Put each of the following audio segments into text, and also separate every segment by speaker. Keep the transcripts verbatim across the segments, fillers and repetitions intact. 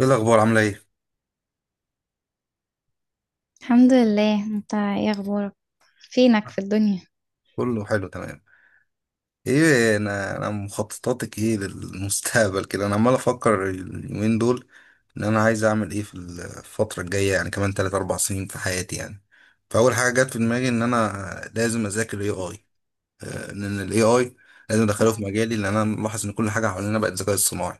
Speaker 1: ايه الاخبار عامله ايه؟
Speaker 2: الحمد لله، انت ايه اخبارك؟ فينك في الدنيا؟
Speaker 1: كله حلو تمام. ايه، انا انا مخططاتك ايه للمستقبل كده؟ انا عمال افكر اليومين دول ان انا عايز اعمل ايه في الفتره الجايه، يعني كمان تلاته اربعه سنين في حياتي يعني. فاول حاجه جت في دماغي ان انا لازم اذاكر الاي اي، لان الاي اي لازم ادخله في مجالي، لان انا ملاحظ ان كل حاجه حوالينا بقت ذكاء اصطناعي.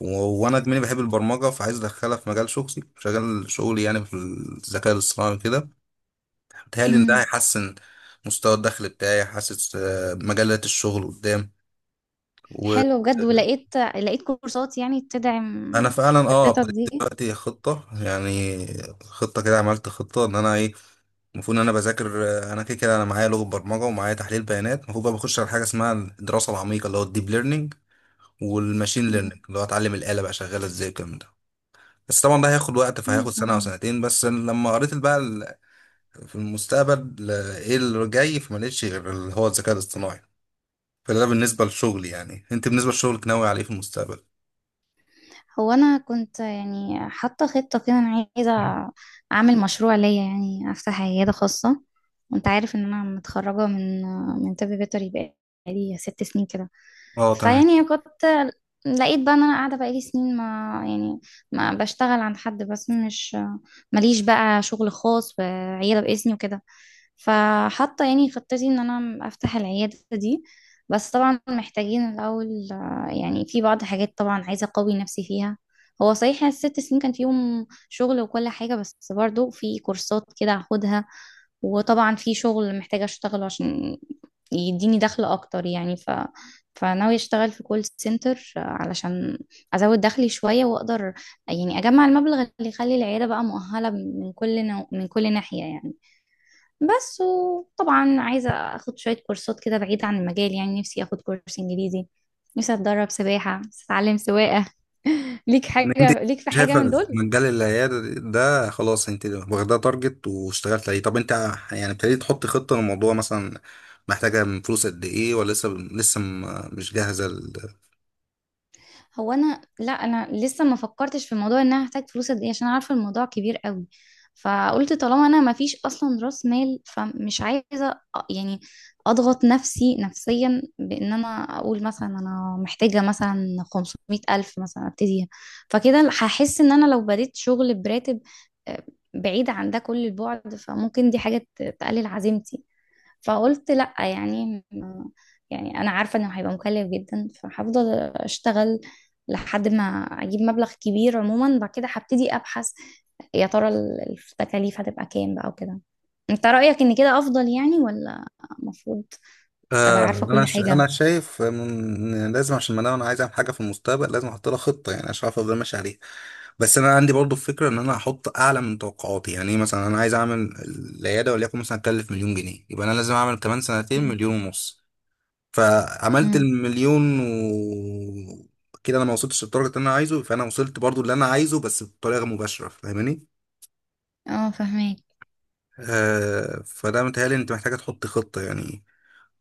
Speaker 1: و- وانا دماغي بحب البرمجه، فعايز ادخلها في مجال شخصي، شغال شغلي يعني في الذكاء الاصطناعي كده. بيتهيألي إن ده
Speaker 2: امم
Speaker 1: هيحسن مستوى الدخل بتاعي، حاسس آه، مجالات الشغل قدام. وأنا
Speaker 2: حلو بجد، ولقيت لقيت كورسات يعني تدعم
Speaker 1: فعلا أه
Speaker 2: خطتك
Speaker 1: ابتديت
Speaker 2: دي؟
Speaker 1: دلوقتي خطة، يعني خطة كده، عملت خطة إن أنا إيه المفروض إن أنا بذاكر. آه، أنا كده كده أنا معايا لغة برمجة ومعايا تحليل بيانات، المفروض بقى بخش على حاجة اسمها الدراسة العميقة اللي هو الديب ليرنينج والماشين ليرنينج اللي هو أتعلم الآلة بقى شغالة إزاي والكلام ده. بس طبعا ده هياخد وقت، فهياخد سنة أو
Speaker 2: مم.
Speaker 1: سنتين. بس لما قريت بقى ال- في المستقبل آه، إيه اللي جاي، فما لقيتش غير اللي هو الذكاء الاصطناعي. فده بالنسبة لشغلي. يعني انت بالنسبة لشغلك ناوي عليه في المستقبل؟
Speaker 2: هو انا كنت يعني حاطه خطه كده، انا عايزه اعمل مشروع ليا، يعني افتح عياده خاصه. وانت عارف ان انا متخرجه من من طب بيطري بقالي ست سنين كده.
Speaker 1: اه تمام.
Speaker 2: فيعني كنت لقيت بقى ان انا قاعده بقالي سنين، ما يعني، ما بشتغل عند حد، بس مش، ماليش بقى شغل خاص وعياده باسمي وكده. فحاطه يعني خطتي ان انا افتح العياده دي. بس طبعا محتاجين الاول، يعني في بعض الحاجات طبعا عايزة أقوي نفسي فيها. هو صحيح يعني الست سنين كان فيهم شغل وكل حاجة، بس برضو في كورسات كده هاخدها. وطبعا في شغل محتاجة أشتغله عشان يديني دخل أكتر يعني. ف فناوي أشتغل في كول سنتر علشان أزود دخلي شوية، وأقدر يعني أجمع المبلغ اللي يخلي العيادة بقى مؤهلة من كل نوع، من كل ناحية يعني. بس وطبعا عايزة اخد شوية كورسات كده بعيدة عن المجال، يعني نفسي اخد كورس انجليزي، نفسي اتدرب سباحة، نفسي اتعلم سواقة. ليك
Speaker 1: يعني انت
Speaker 2: حاجة ليك في حاجة من
Speaker 1: شايفة
Speaker 2: دول؟
Speaker 1: مجال العيادة ده خلاص انت واخداه تارجت واشتغلت عليه. طب انت يعني ابتديت تحط خطة للموضوع مثلا، محتاجة من فلوس قد ايه؟ ولا لسه لسه م- مش جاهزة؟
Speaker 2: هو انا، لا، انا لسه ما فكرتش في موضوع ان انا هحتاج فلوس قد ايه، عشان عارفه الموضوع كبير قوي. فقلت طالما انا ما فيش اصلا راس مال، فمش عايزه، أ- يعني اضغط نفسي نفسيا بان انا اقول مثلا انا محتاجه مثلا خمسمائة ألف الف مثلا ابتديها. فكده هحس ان انا لو بديت شغل براتب آه، بعيد عن ده كل البعد، فممكن دي حاجه ت- تقلل عزيمتي. فقلت لأ، يعني م- يعني أنا عارفة إنه هيبقى مكلف جدا، فهفضل أشتغل لحد ما أجيب مبلغ كبير. عموما بعد كده هبتدي أبحث، يا ترى ال- التكاليف هتبقى كام بقى وكده. أنت رأيك إن كده أفضل يعني، ولا المفروض أبقى
Speaker 1: آه،
Speaker 2: عارفة كل
Speaker 1: انا ش...
Speaker 2: حاجة؟
Speaker 1: انا شايف من... إن لازم، عشان ما انا عايز اعمل حاجه في المستقبل لازم احط لها خطه، يعني عشان اعرف افضل ماشي عليها. بس انا عندي برضو فكره ان انا احط اعلى من توقعاتي، يعني إيه، مثلا انا عايز اعمل العياده وليكن مثلا اكلف مليون جنيه، يبقى انا لازم اعمل كمان سنتين
Speaker 2: مم.
Speaker 1: مليون ونص. فعملت
Speaker 2: امم،
Speaker 1: المليون و كده انا ما وصلتش للدرجه اللي انا عايزه، فانا وصلت برضو اللي انا عايزه بس بطريقه مباشره، فاهماني؟
Speaker 2: اه، فهماك.
Speaker 1: آه، فده متهيألي انت محتاجه تحط خطه يعني.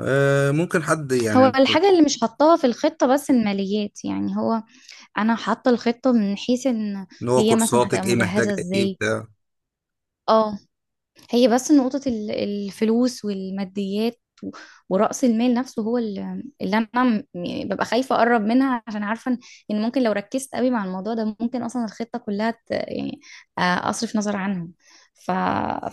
Speaker 1: آه، ممكن حد
Speaker 2: هو
Speaker 1: يعني
Speaker 2: الحاجة اللي مش حطاها في الخطة بس الماليات، يعني هو انا حاطة الخطة من حيث ان
Speaker 1: اللي هو
Speaker 2: هي مثلا هتبقى
Speaker 1: كورساتك ايه، محتاجه
Speaker 2: مجهزة
Speaker 1: ايه،
Speaker 2: ازاي.
Speaker 1: بتاع.
Speaker 2: اه. هي بس نقطة ال- الفلوس والماديات، و- ورأس المال نفسه، هو ال- اللي أنا، م- يعني ببقى خايفة أقرب منها، عشان عارفة إن إن ممكن لو ركزت قوي مع الموضوع ده، ممكن أصلا الخطة كلها ت- يعني آه، أصرف نظر عنها. ف...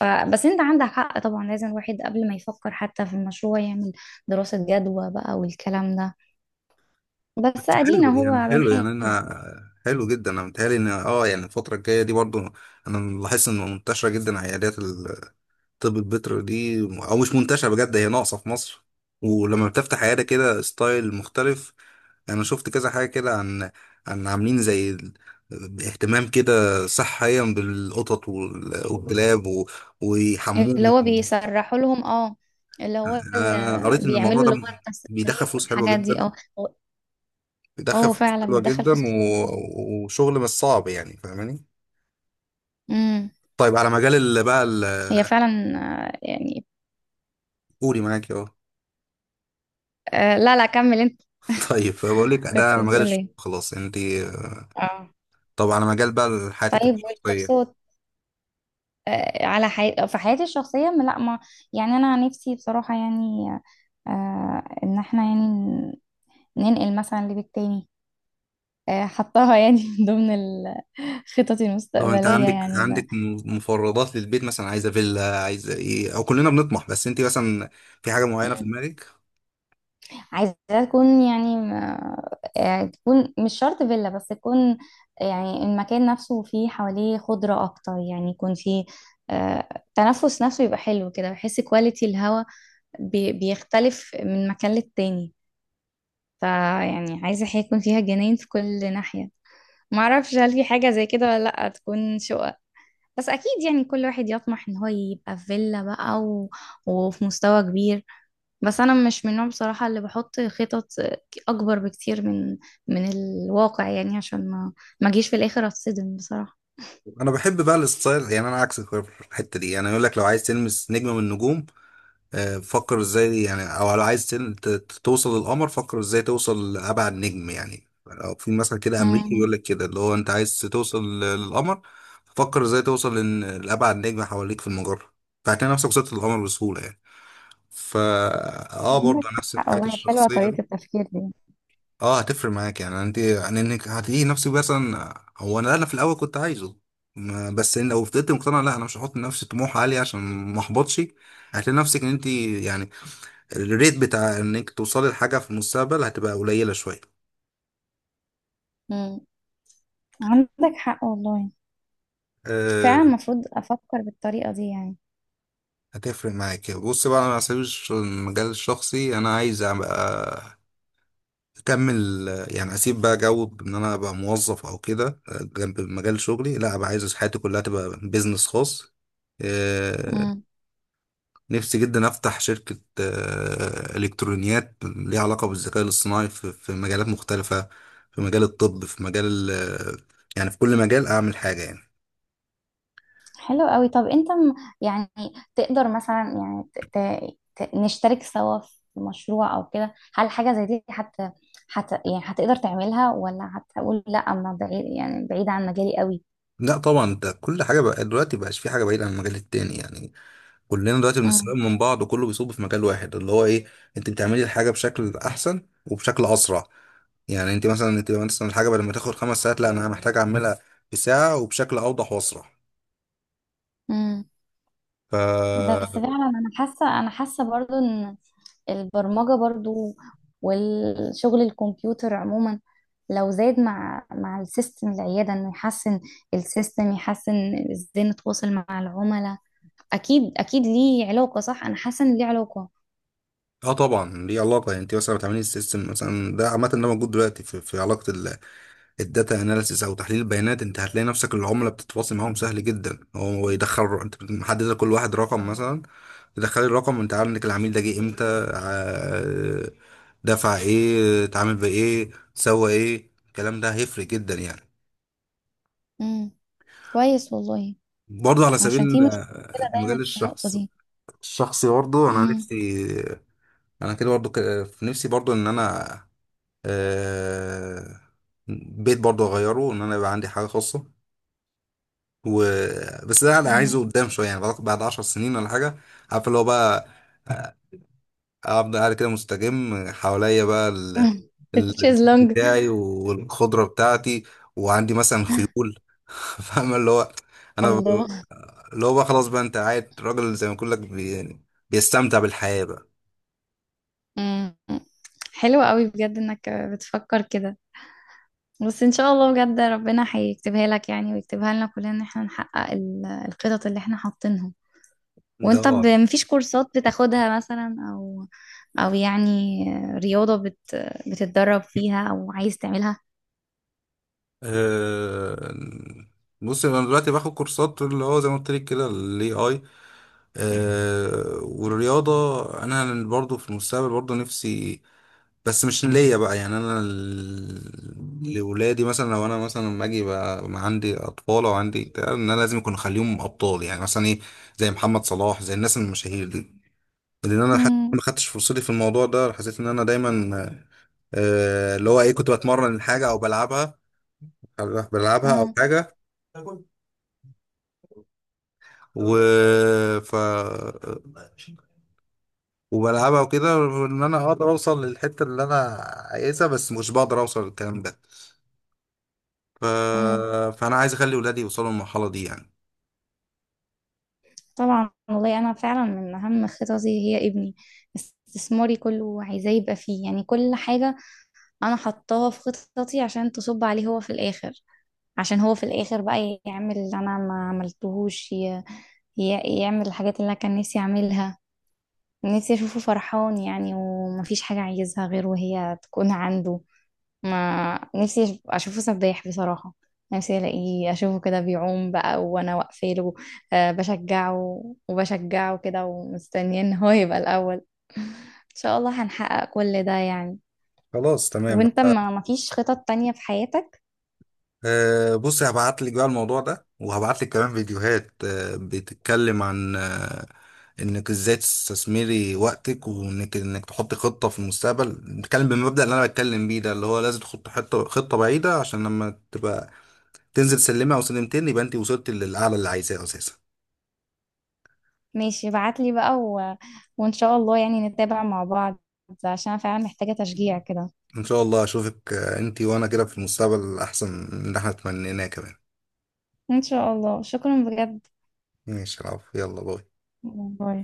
Speaker 2: ف... بس أنت عندك حق طبعا، لازم الواحد قبل ما يفكر حتى في المشروع يعمل دراسة جدوى بقى والكلام ده. بس
Speaker 1: بس
Speaker 2: أدينا
Speaker 1: حلو يعني،
Speaker 2: هو
Speaker 1: حلو يعني،
Speaker 2: بنحاول.
Speaker 1: انا حلو جدا. انا متهيألي ان اه يعني الفتره الجايه دي برضو، انا لاحظت ان منتشره جدا عيادات الطب البيطري دي، او مش منتشره بجد، هي ناقصه في مصر. ولما بتفتح عياده كده ستايل مختلف، انا شفت كذا حاجه كده عن عن عاملين زي ال- اهتمام كده صحيا بالقطط وال- والكلاب و-
Speaker 2: اللي هو
Speaker 1: ويحموهم.
Speaker 2: بيسرحوا لهم، اه. اللي هو
Speaker 1: انا قريت
Speaker 2: ال-
Speaker 1: ان الموضوع
Speaker 2: بيعملوا
Speaker 1: ده
Speaker 2: اللي هو
Speaker 1: بيدخل
Speaker 2: التسريح
Speaker 1: فلوس حلوه
Speaker 2: والحاجات دي،
Speaker 1: جدا،
Speaker 2: اه.
Speaker 1: بيدخل
Speaker 2: اه،
Speaker 1: فلوس
Speaker 2: فعلا
Speaker 1: حلوه
Speaker 2: بتدخل
Speaker 1: جدا
Speaker 2: فلوس كتير.
Speaker 1: و... وشغل مش صعب يعني، فاهماني؟
Speaker 2: امم.
Speaker 1: طيب على مجال اللي بقى ال-
Speaker 2: هي فعلا. آه، يعني
Speaker 1: قولي معاكي اهو.
Speaker 2: آه، لا، لا، كمل انت.
Speaker 1: طيب بقول لك، ده
Speaker 2: كنت
Speaker 1: على مجال
Speaker 2: بتقول
Speaker 1: الشغل
Speaker 2: ايه؟
Speaker 1: خلاص انت.
Speaker 2: اه.
Speaker 1: طب على مجال بقى حياتك
Speaker 2: طيب،
Speaker 1: الشخصيه.
Speaker 2: والكورسات. آه، على حي... في حياتي الشخصية، ما- لا، ما يعني انا نفسي بصراحة، يعني آه، ان احنا يعني ن- ننقل مثلا لبيت تاني. آه، حطاها يعني من ضمن ال- خططي
Speaker 1: طب انت
Speaker 2: المستقبلية
Speaker 1: عندك
Speaker 2: يعني.
Speaker 1: عندك م- مفردات للبيت مثلا؟ عايزه فيلا، عايزه ايه؟ او كلنا بنطمح، بس انت مثلا في حاجه معينه في
Speaker 2: بقى
Speaker 1: دماغك؟
Speaker 2: عايزة تكون يعني ما- آه، تكون مش شرط فيلا، بس تكون، يعني المكان نفسه فيه حواليه خضرة أكتر، يعني يكون فيه آه، تنفس نفسه يبقى حلو كده. بحس كواليتي الهوا بي- بيختلف من مكان للتاني. فيعني عايزة حاجة يكون فيها جناين في كل ناحية. معرفش هل في حاجة زي كده ولا لأ، تكون شقة. بس أكيد يعني كل واحد يطمح إن هو يبقى في فيلا بقى، و... وفي مستوى كبير. بس انا مش من النوع بصراحة اللي بحط خطط اكبر بكتير من من الواقع، يعني عشان ما ما اجيش في الاخر اتصدم بصراحة.
Speaker 1: انا بحب بقى الستايل، يعني انا عكسك في الحته دي. يعني يقول لك لو عايز تلمس نجمه من النجوم، آه، فكر ازاي يعني، او لو عايز تل- ت- ت- توصل للقمر، فكر ازاي توصل لابعد نجم. يعني لو في مثلا كده امريكي
Speaker 2: امم
Speaker 1: يقول لك كده اللي هو انت عايز توصل ل- للقمر، فكر ازاي توصل لن- لابعد نجم حواليك في المجره، فهتلاقي نفسك وصلت للقمر بسهوله يعني. فا اه
Speaker 2: عندك
Speaker 1: برضه نفس
Speaker 2: حق
Speaker 1: الحاجات
Speaker 2: والله، حلوة
Speaker 1: الشخصيه
Speaker 2: طريقة
Speaker 1: دي.
Speaker 2: التفكير دي.
Speaker 1: اه هتفرق معاك يعني، انت يعني انك هتلاقي نفسك مثلا. هو انا انا في الاول كنت عايزه ما- بس إن لو فضلت مقتنع لا انا مش هحط لنفسي طموح عالي عشان ما احبطش، هتلاقي نفسك ان انت يعني الريت بتاع انك توصلي لحاجة في المستقبل هتبقى قليلة شوية.
Speaker 2: مم. عندك حق والله،
Speaker 1: أه،
Speaker 2: فعلا المفروض افكر بالطريقة دي يعني.
Speaker 1: هتفرق معاك. بص بقى، انا هسيب الش- المجال الشخصي، انا عايز ابقى اكمل. يعني اسيب بقى جو ان انا ابقى موظف او كده آه، جنب مجال شغلي، لا ابقى عايز حياتي كلها تبقى بيزنس خاص. آه،
Speaker 2: امم
Speaker 1: نفسي جدا افتح شركة آه، الكترونيات ليها علاقة بالذكاء الاصطناعي في في مجالات مختلفة، في مجال الطب، في مجال ال- يعني في كل مجال اعمل حاجة يعني.
Speaker 2: حلو قوي. طب انت م- يعني تقدر مثلا، يعني ت... ت... ت- نشترك سوا في مشروع او كده؟ هل حاجة زي دي حت... حت... يعني هتقدر تعملها، ولا هتقول لا، انا بعيد، يعني بعيد عن مجالي قوي؟
Speaker 1: لا طبعا، انت كل حاجه بقى دلوقتي بقاش في حاجه بعيده عن المجال التاني يعني. كلنا دلوقتي بنستفاد
Speaker 2: مم.
Speaker 1: من بعض، وكله بيصب في مجال واحد اللي هو ايه، انت بتعملي الحاجه بشكل احسن وبشكل اسرع. يعني انت مثلا انت مثلا الحاجه بدل ما تاخد خمس ساعات، لا انا محتاج اعملها في ساعه وبشكل اوضح واسرع.
Speaker 2: مم.
Speaker 1: ف
Speaker 2: بس فعلا انا حاسه، انا حاسه برضو ان البرمجه برضو، والشغل الكمبيوتر عموما، لو زاد مع مع السيستم العياده انه يحسن السيستم، يحسن ازاي نتواصل مع العملاء. اكيد اكيد ليه علاقه، صح، انا حاسه ان ليه علاقه.
Speaker 1: اه طبعا ليه علاقه. يعني انت مثلا بتعملي السيستم مثلا ده، عامه ده موجود دلوقتي في, في علاقه ال- الداتا اناليسيس او تحليل البيانات، انت هتلاقي نفسك العملاء بتتواصل معاهم سهل جدا، هو يدخل انت محدد لكل واحد رقم مثلا، تدخلي الرقم وانت عارف انك العميل ده جه امتى، ع- دفع ايه، اتعامل بايه، سوى ايه، الكلام ده هيفرق جدا يعني.
Speaker 2: امم. كويس والله،
Speaker 1: برضه على سبيل
Speaker 2: عشان في مشكله دايما
Speaker 1: المجال
Speaker 2: في النقطه
Speaker 1: الشخص
Speaker 2: دي.
Speaker 1: الشخصي، برضه انا
Speaker 2: امم.
Speaker 1: نفسي، انا كده برضه ك- في نفسي برضه ان انا آه، بيت برضه اغيره، ان انا يبقى عندي حاجه خاصه. و بس ده انا عايزه قدام شويه، يعني بعد بعد عشر سنين ولا حاجه، عارف اللي هو بقى آه، افضل قاعد كده مستجم حواليا بقى ال- البيت
Speaker 2: تشيز لونج.
Speaker 1: بتاعي والخضرة بتاعتي، وعندي مثلا خيول. فاهم اللي هو، انا ب-
Speaker 2: الله.
Speaker 1: اللي هو بقى خلاص بقى، انت قاعد راجل زي ما بقول لك بي... يعني بيستمتع بالحياة بقى.
Speaker 2: مم. حلو قوي بجد انك بتفكر كده. بس ان شاء الله بجد ربنا هيكتبها لك يعني، ويكتبها لنا كلنا ان احنا نحقق ال- الخطط اللي احنا حاطينها.
Speaker 1: ده
Speaker 2: وانت
Speaker 1: اه
Speaker 2: ب- مفيش كورسات بتاخدها مثلا، او، او يعني رياضة بت بتتدرب فيها او عايز تعملها؟
Speaker 1: آه، بص انا دلوقتي باخد كورسات اللي هو زي ما قلت لك كده، الاي اي والرياضة. انا برضو في المستقبل برضو نفسي، بس مش ليا بقى يعني، انا ال- لولادي مثلا، لو انا مثلا لما اجي بقى ما عندي اطفال او عندي بتاع، ان انا لازم يكون اخليهم ابطال يعني، مثلا ايه، زي محمد صلاح زي الناس المشاهير دي. لان انا حتى
Speaker 2: امم.
Speaker 1: ما خدتش فرصتي في الموضوع ده، حسيت ان انا دايما آه، اللي هو ايه، كنت بتمرن حاجه او بلعبها، بلعبها او
Speaker 2: اه.
Speaker 1: حاجه و ف وبلعبها وكده، ان انا اقدر اوصل للحته اللي انا عايزها، بس مش بقدر اوصل للكلام ده ف...
Speaker 2: امم.
Speaker 1: فانا عايز اخلي ولادي يوصلوا للمرحله دي يعني.
Speaker 2: طبعا والله، انا فعلا من اهم خططي هي ابني. استثماري كله عايزاه يبقى فيه، يعني كل حاجة انا حطاها في خططي عشان تصب عليه هو في الاخر. عشان هو في الاخر بقى يعمل اللي انا ما عملتهوش، ي... ي... يعمل الحاجات اللي انا كان نفسي اعملها. نفسي اشوفه فرحان، يعني ومفيش حاجة عايزها غير وهي تكون عنده. ما نفسي أش- اشوفه سباح بصراحة. نفسي الاقيه اشوفه كده بيعوم بقى، وانا واقفه له آه، بشجعه، وبشجعه كده، ومستنيه ان هو يبقى الاول. ان شاء الله هنحقق كل ده يعني.
Speaker 1: خلاص تمام.
Speaker 2: وانت، ما مفيش خطط تانية في حياتك؟
Speaker 1: أه بص، هبعت لك بقى الموضوع ده، وهبعت لك كمان فيديوهات أه بتتكلم عن أه انك ازاي تستثمري وقتك، وانك انك تحطي خطه في المستقبل. نتكلم بالمبدأ اللي انا بتكلم بيه ده، اللي هو لازم تحط حته خطه بعيده، عشان لما تبقى تنزل سلمه او سلمتين يبقى انت وصلت للاعلى اللي عايزاه اساسا.
Speaker 2: ماشي، ابعتلي بقى، و... وإن شاء الله يعني نتابع مع بعض، عشان أنا فعلا محتاجة تشجيع كده.
Speaker 1: ان شاء الله اشوفك آه، انت وانا كده في المستقبل احسن من اللي احنا تمنيناه كمان.
Speaker 2: إن شاء الله، شكرا بجد.
Speaker 1: ماشي، العفو، يلا باي.
Speaker 2: باي.